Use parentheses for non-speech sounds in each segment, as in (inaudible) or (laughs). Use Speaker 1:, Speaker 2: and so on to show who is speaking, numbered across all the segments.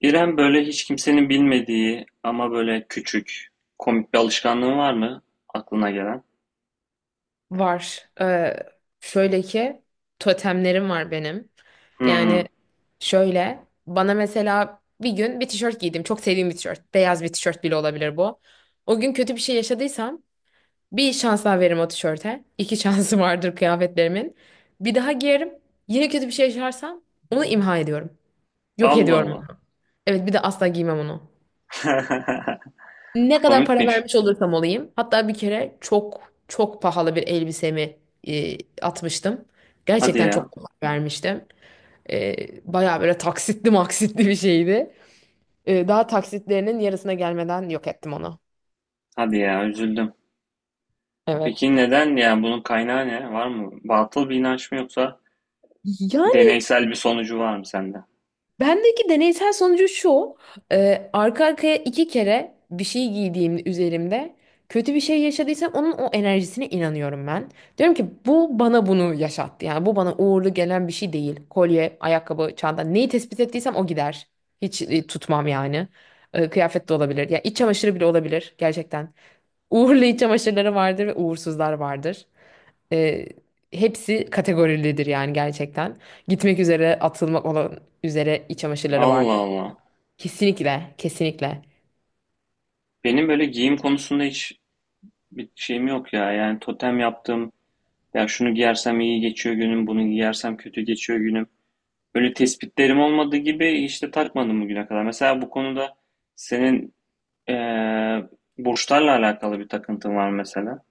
Speaker 1: İrem böyle hiç kimsenin bilmediği ama böyle küçük, komik bir alışkanlığın var mı aklına gelen?
Speaker 2: Var. Şöyle ki totemlerim var benim.
Speaker 1: Hmm.
Speaker 2: Yani şöyle bana mesela bir gün bir tişört giydim. Çok sevdiğim bir tişört. Beyaz bir tişört bile olabilir bu. O gün kötü bir şey yaşadıysam bir şans daha veririm o tişörte. İki (laughs) şansı vardır kıyafetlerimin. Bir daha giyerim. Yine kötü bir şey yaşarsam onu imha ediyorum. Yok
Speaker 1: Allah
Speaker 2: ediyorum.
Speaker 1: Allah.
Speaker 2: Evet, bir de asla giymem onu. Ne
Speaker 1: (laughs)
Speaker 2: kadar para
Speaker 1: Komikmiş.
Speaker 2: vermiş olursam olayım. Hatta bir kere çok çok pahalı bir elbisemi atmıştım.
Speaker 1: Hadi
Speaker 2: Gerçekten
Speaker 1: ya,
Speaker 2: çok pahalı vermiştim. E, Bayağı böyle taksitli maksitli bir şeydi. Daha taksitlerinin yarısına gelmeden yok ettim onu.
Speaker 1: hadi ya, üzüldüm.
Speaker 2: Evet.
Speaker 1: Peki neden ya, bunun kaynağı ne? Var mı? Batıl bir inanç mı, yoksa
Speaker 2: Yani
Speaker 1: deneysel bir sonucu var mı sende?
Speaker 2: bendeki deneysel sonucu şu. Arka arkaya iki kere bir şey giydiğim üzerimde kötü bir şey yaşadıysam onun o enerjisine inanıyorum ben. Diyorum ki bu bana bunu yaşattı. Yani bu bana uğurlu gelen bir şey değil. Kolye, ayakkabı, çanta, neyi tespit ettiysem o gider. Hiç tutmam yani. Kıyafet de olabilir. Ya iç çamaşırı bile olabilir gerçekten. Uğurlu iç çamaşırları vardır ve uğursuzlar vardır. E, Hepsi kategorilidir yani gerçekten. Gitmek üzere, atılmak olan üzere iç çamaşırları
Speaker 1: Allah
Speaker 2: vardır.
Speaker 1: Allah.
Speaker 2: Kesinlikle, kesinlikle.
Speaker 1: Benim böyle giyim konusunda hiç bir şeyim yok ya. Yani totem yaptım. Ya şunu giyersem iyi geçiyor günüm, bunu giyersem kötü geçiyor günüm. Öyle tespitlerim olmadığı gibi işte takmadım bugüne kadar. Mesela bu konuda senin eee burçlarla alakalı bir takıntın var mesela.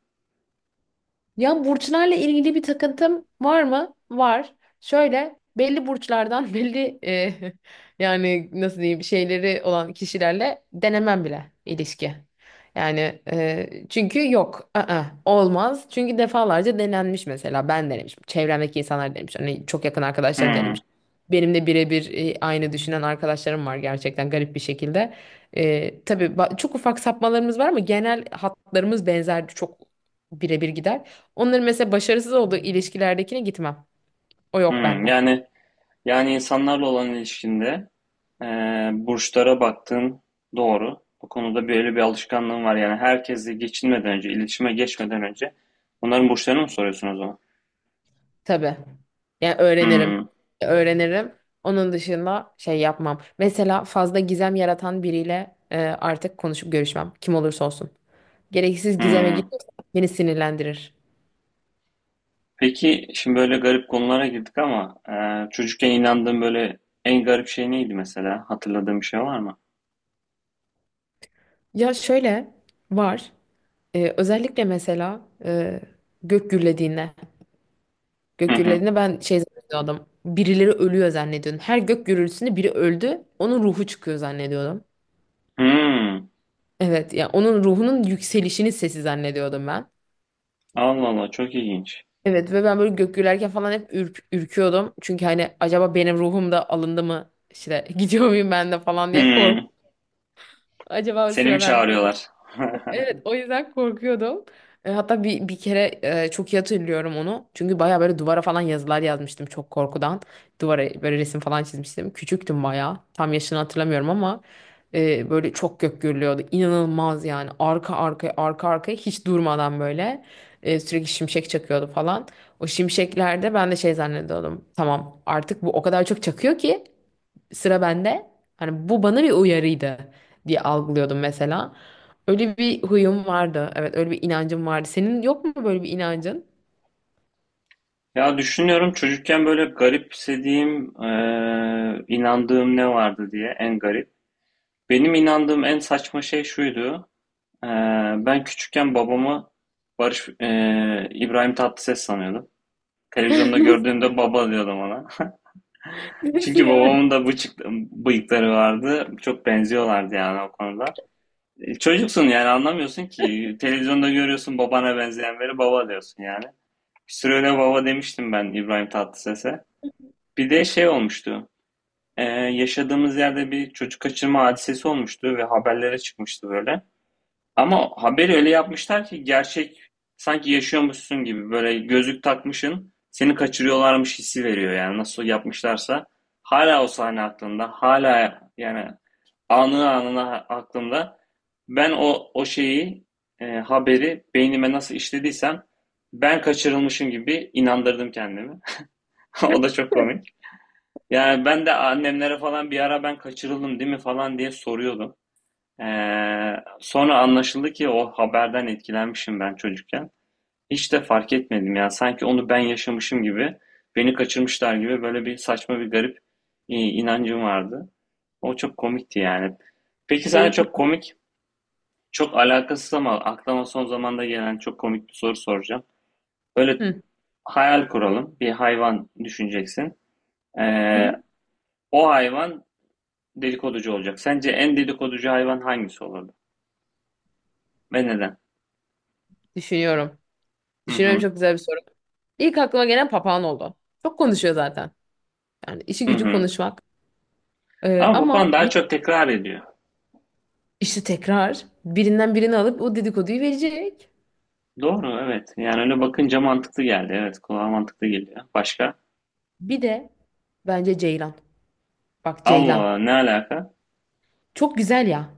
Speaker 2: Ya burçlarla ilgili bir takıntım var mı? Var. Şöyle belli burçlardan (laughs) belli yani nasıl diyeyim şeyleri olan kişilerle denemem bile ilişki. Yani çünkü yok, ı-ı, olmaz. Çünkü defalarca denenmiş, mesela ben denemişim, çevremdeki insanlar denemiş, hani çok yakın arkadaşlarım
Speaker 1: Hmm,
Speaker 2: denemiş. Benim de birebir aynı düşünen arkadaşlarım var gerçekten garip bir şekilde. Tabii çok ufak sapmalarımız var ama genel hatlarımız benzer, çok birebir gider. Onların mesela başarısız olduğu ilişkilerdekine gitmem. O yok
Speaker 1: hmm.
Speaker 2: bende.
Speaker 1: Yani insanlarla olan ilişkinde, burçlara baktığın doğru. Bu konuda böyle bir alışkanlığın var. Yani herkesle geçinmeden önce, iletişime geçmeden önce onların burçlarını mı soruyorsun o zaman?
Speaker 2: Tabii. Yani öğrenirim.
Speaker 1: Hmm,
Speaker 2: Öğrenirim. Onun dışında şey yapmam. Mesela fazla gizem yaratan biriyle artık konuşup görüşmem. Kim olursa olsun. Gereksiz gizeme
Speaker 1: hmm.
Speaker 2: gidiyorsa beni sinirlendirir.
Speaker 1: Peki şimdi böyle garip konulara girdik, ama çocukken inandığın böyle en garip şey neydi mesela? Hatırladığın bir şey var mı?
Speaker 2: Ya şöyle var. Özellikle mesela gök gürlediğinde.
Speaker 1: Hı
Speaker 2: Gök
Speaker 1: hı.
Speaker 2: gürlediğinde ben şey zannediyordum. Birileri ölüyor zannediyordum. Her gök gürültüsünde biri öldü. Onun ruhu çıkıyor zannediyordum.
Speaker 1: Hmm.
Speaker 2: Evet, ya onun ruhunun yükselişinin sesi zannediyordum ben.
Speaker 1: Allah Allah, çok ilginç.
Speaker 2: Evet ve ben böyle gök gürlerken falan hep ürküyordum. Çünkü hani acaba benim ruhum da alındı mı? İşte (laughs) gidiyor muyum ben de falan diye kork.
Speaker 1: Hmm.
Speaker 2: Acaba o
Speaker 1: Seni mi
Speaker 2: sıra bende.
Speaker 1: çağırıyorlar? (laughs)
Speaker 2: Evet, o yüzden korkuyordum. Hatta bir kere çok iyi hatırlıyorum onu. Çünkü baya böyle duvara falan yazılar yazmıştım çok korkudan. Duvara böyle resim falan çizmiştim. Küçüktüm baya. Tam yaşını hatırlamıyorum ama böyle çok gök gürlüyordu. İnanılmaz yani. Arka arkaya arka arkaya hiç durmadan böyle sürekli şimşek çakıyordu falan. O şimşeklerde ben de şey zannediyordum. Tamam, artık bu o kadar çok çakıyor ki sıra bende. Hani bu bana bir uyarıydı diye algılıyordum mesela. Öyle bir huyum vardı. Evet, öyle bir inancım vardı. Senin yok mu böyle bir inancın?
Speaker 1: Ya düşünüyorum, çocukken böyle garipsediğim, inandığım ne vardı diye, en garip. Benim inandığım en saçma şey şuydu. E, Ben küçükken babamı Barış e, İbrahim Tatlıses sanıyordum. Televizyonda
Speaker 2: (laughs) Nasıl
Speaker 1: gördüğümde baba diyordum ona.
Speaker 2: nasıl
Speaker 1: Çünkü
Speaker 2: yani?
Speaker 1: babamın da bıyıkları vardı. Çok benziyorlardı yani o konuda. Çocuksun yani, anlamıyorsun ki. Televizyonda görüyorsun, babana benzeyen biri, baba diyorsun yani. Bir süre öyle baba demiştim ben İbrahim Tatlıses'e. Bir de şey olmuştu. Yaşadığımız yerde bir çocuk kaçırma hadisesi olmuştu ve haberlere çıkmıştı böyle. Ama haberi öyle yapmışlar ki, gerçek sanki yaşıyormuşsun gibi, böyle gözlük takmışın, seni kaçırıyorlarmış hissi veriyor. Yani nasıl yapmışlarsa, hala o sahne aklımda, hala yani anı anına aklımda, ben o şeyi, haberi beynime nasıl işlediysem ben kaçırılmışım gibi inandırdım kendimi. (laughs) O da çok komik. Yani ben de annemlere falan bir ara, ben kaçırıldım değil mi falan diye soruyordum. Ee, sonra anlaşıldı ki o haberden etkilenmişim ben çocukken. Hiç de fark etmedim ya. Sanki onu ben yaşamışım gibi, beni kaçırmışlar gibi, böyle bir saçma, bir garip inancım vardı. O çok komikti yani. Peki sana
Speaker 2: Öyle çok
Speaker 1: çok
Speaker 2: iyi.
Speaker 1: komik, çok alakasız ama aklıma son zamanda gelen çok komik bir soru soracağım. Böyle
Speaker 2: Hı.
Speaker 1: hayal kuralım. Bir hayvan düşüneceksin.
Speaker 2: Hı
Speaker 1: Ee,
Speaker 2: hı.
Speaker 1: o hayvan dedikoducu olacak. Sence en dedikoducu hayvan hangisi olurdu? Ve neden?
Speaker 2: Düşünüyorum.
Speaker 1: Hı
Speaker 2: Düşünüyorum,
Speaker 1: hı.
Speaker 2: çok güzel bir soru. İlk aklıma gelen papağan oldu. Çok konuşuyor zaten. Yani işi
Speaker 1: Hı
Speaker 2: gücü
Speaker 1: hı.
Speaker 2: konuşmak.
Speaker 1: Ama papağan
Speaker 2: Ama
Speaker 1: daha
Speaker 2: bir,
Speaker 1: çok tekrar ediyor.
Speaker 2: işte tekrar birinden birini alıp o dedikoduyu verecek.
Speaker 1: Doğru, evet. Yani öyle bakınca mantıklı geldi. Evet, kulağa mantıklı geliyor. Başka?
Speaker 2: Bir de bence ceylan. Bak, ceylan.
Speaker 1: Allah, ne alaka?
Speaker 2: Çok güzel ya.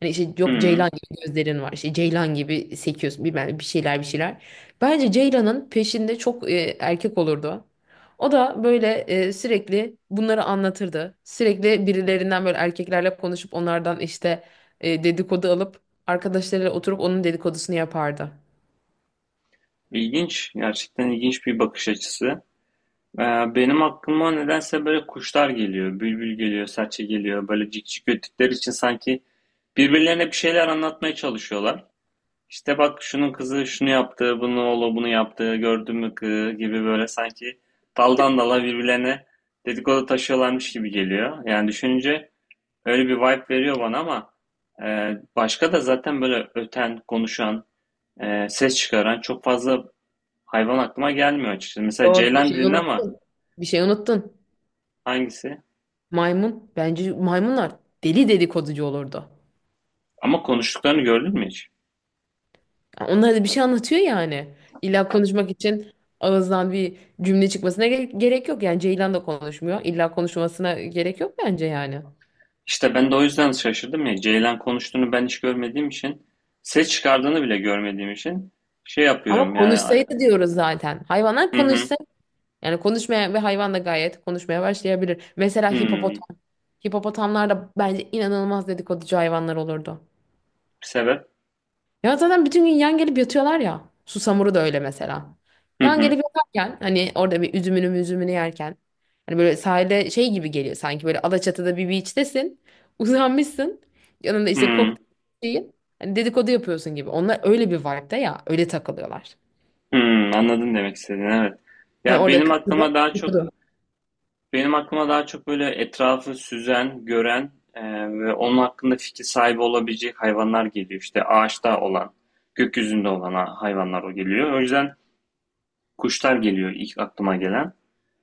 Speaker 2: Hani işte yok,
Speaker 1: Hmm,
Speaker 2: ceylan gibi gözlerin var, işte ceylan gibi sekiyorsun bilmem ne, bir şeyler bir şeyler. Bence ceylanın peşinde çok erkek olurdu. O da böyle sürekli bunları anlatırdı. Sürekli birilerinden, böyle erkeklerle konuşup onlardan işte dedikodu alıp arkadaşlarıyla oturup onun dedikodusunu yapardı.
Speaker 1: ilginç. Gerçekten ilginç bir bakış açısı. Ee, benim aklıma nedense böyle kuşlar geliyor. Bülbül geliyor, serçe geliyor. Böyle cikcik öttükleri için sanki birbirlerine bir şeyler anlatmaya çalışıyorlar. İşte, bak şunun kızı şunu yaptı, bunu oğlu bunu yaptı, gördün mü kı gibi, böyle sanki daldan dala birbirlerine dedikodu taşıyorlarmış gibi geliyor. Yani düşününce öyle bir vibe veriyor bana, ama başka da zaten böyle öten, konuşan, ses çıkaran çok fazla hayvan aklıma gelmiyor açıkçası. Mesela
Speaker 2: Yo, bir
Speaker 1: ceylan
Speaker 2: şey
Speaker 1: dedin ama.
Speaker 2: unuttun. Bir şey unuttun.
Speaker 1: Hangisi?
Speaker 2: Maymun. Bence maymunlar deli dedikoducu olurdu.
Speaker 1: Ama konuştuklarını gördün mü hiç?
Speaker 2: Onlar da bir şey anlatıyor yani. İlla konuşmak için ağızdan bir cümle çıkmasına gerek yok. Yani ceylan da konuşmuyor. İlla konuşmasına gerek yok bence yani.
Speaker 1: İşte ben de o yüzden şaşırdım ya. Ceylan konuştuğunu ben hiç görmediğim için, ses çıkardığını bile görmediğim için şey
Speaker 2: Ama
Speaker 1: yapıyorum yani.
Speaker 2: konuşsaydı diyoruz zaten. Hayvanlar
Speaker 1: Hı hı.
Speaker 2: konuşsa, yani konuşmaya ve hayvan da gayet konuşmaya başlayabilir. Mesela
Speaker 1: Hı.
Speaker 2: hipopotam. Hipopotamlar da bence inanılmaz dedikoducu hayvanlar olurdu.
Speaker 1: Sebep.
Speaker 2: Ya zaten bütün gün yan gelip yatıyorlar ya. Susamuru da öyle mesela.
Speaker 1: Hı
Speaker 2: Yan
Speaker 1: hı.
Speaker 2: gelip yatarken hani orada bir üzümünü yerken hani böyle sahile şey gibi geliyor, sanki böyle Alaçatı'da bir beach'tesin. (laughs) Uzanmışsın. Yanında işte
Speaker 1: Hı.
Speaker 2: kokteyl şeyin. Hani dedikodu yapıyorsun gibi. Onlar öyle bir vibe'da ya. Öyle takılıyorlar.
Speaker 1: Hı. Anladım demek istediğini. Evet.
Speaker 2: Hani
Speaker 1: Ya
Speaker 2: orada
Speaker 1: benim
Speaker 2: kız kızı
Speaker 1: aklıma daha çok
Speaker 2: dedikodu.
Speaker 1: benim aklıma daha çok böyle etrafı süzen, gören ve onun hakkında fikir sahibi olabilecek hayvanlar geliyor. İşte ağaçta olan, gökyüzünde olan hayvanlar o geliyor. O yüzden kuşlar geliyor ilk aklıma gelen.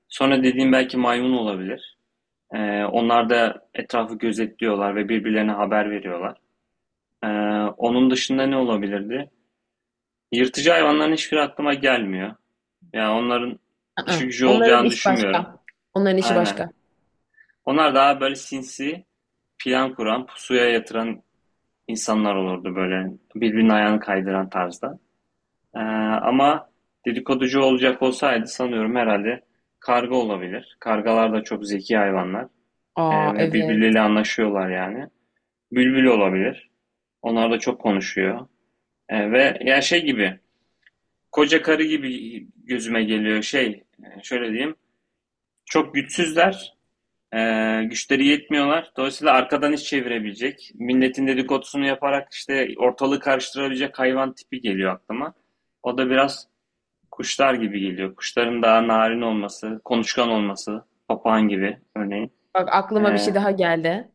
Speaker 1: Sonra dediğim belki maymun olabilir. Onlar da etrafı gözetliyorlar ve birbirlerine haber veriyorlar. Ee, onun dışında ne olabilirdi? Yırtıcı hayvanların hiçbiri aklıma gelmiyor. Yani onların
Speaker 2: Aa,
Speaker 1: işi gücü
Speaker 2: onların
Speaker 1: olacağını
Speaker 2: iş
Speaker 1: düşünmüyorum.
Speaker 2: başka. Onların işi
Speaker 1: Aynen.
Speaker 2: başka.
Speaker 1: Onlar daha böyle sinsi, plan kuran, pusuya yatıran insanlar olurdu böyle. Birbirinin ayağını kaydıran tarzda. Ama dedikoducu olacak olsaydı, sanıyorum herhalde karga olabilir. Kargalar da çok zeki hayvanlar. Ee,
Speaker 2: Aa,
Speaker 1: ve
Speaker 2: evet.
Speaker 1: birbirleriyle anlaşıyorlar yani. Bülbül olabilir. Onlar da çok konuşuyor. Ve ya şey gibi, koca karı gibi gözüme geliyor şey, şöyle diyeyim. Çok güçsüzler, e, güçleri yetmiyorlar. Dolayısıyla arkadan iş çevirebilecek, milletin dedikodusunu yaparak işte ortalığı karıştırabilecek hayvan tipi geliyor aklıma. O da biraz kuşlar gibi geliyor. Kuşların daha narin olması, konuşkan olması, papağan gibi örneğin.
Speaker 2: Bak,
Speaker 1: E,
Speaker 2: aklıma bir şey daha geldi.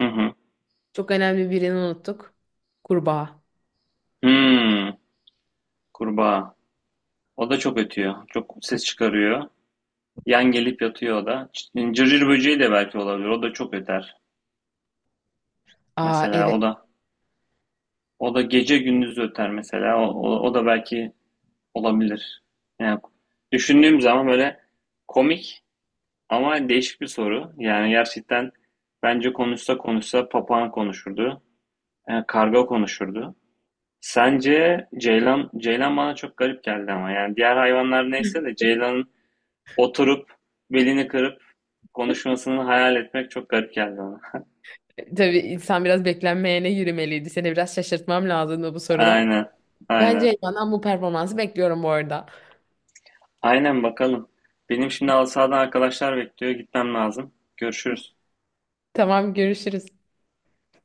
Speaker 1: hı hı.
Speaker 2: Çok önemli birini unuttuk. Kurbağa.
Speaker 1: Hmm, kurbağa. O da çok ötüyor, çok ses çıkarıyor. Yan gelip yatıyor o da. İşte cırcır böceği de belki olabilir. O da çok öter.
Speaker 2: Aa,
Speaker 1: Mesela
Speaker 2: evet.
Speaker 1: o da gece gündüz öter mesela. O da belki olabilir. Yani düşündüğüm zaman böyle komik ama değişik bir soru. Yani gerçekten bence konuşsa konuşsa papağan konuşurdu. Karga konuşurdu. Sence ceylan bana çok garip geldi, ama yani diğer hayvanlar neyse de, ceylanın oturup belini kırıp konuşmasını hayal etmek çok garip geldi bana.
Speaker 2: Tabii insan biraz beklenmeyene yürümeliydi. Seni biraz şaşırtmam lazımdı bu soruda.
Speaker 1: Aynen.
Speaker 2: Bence
Speaker 1: Aynen.
Speaker 2: Elvan'dan bu performansı bekliyorum bu arada.
Speaker 1: Aynen, bakalım. Benim şimdi halı sahadan arkadaşlar bekliyor. Gitmem lazım. Görüşürüz.
Speaker 2: Tamam, görüşürüz.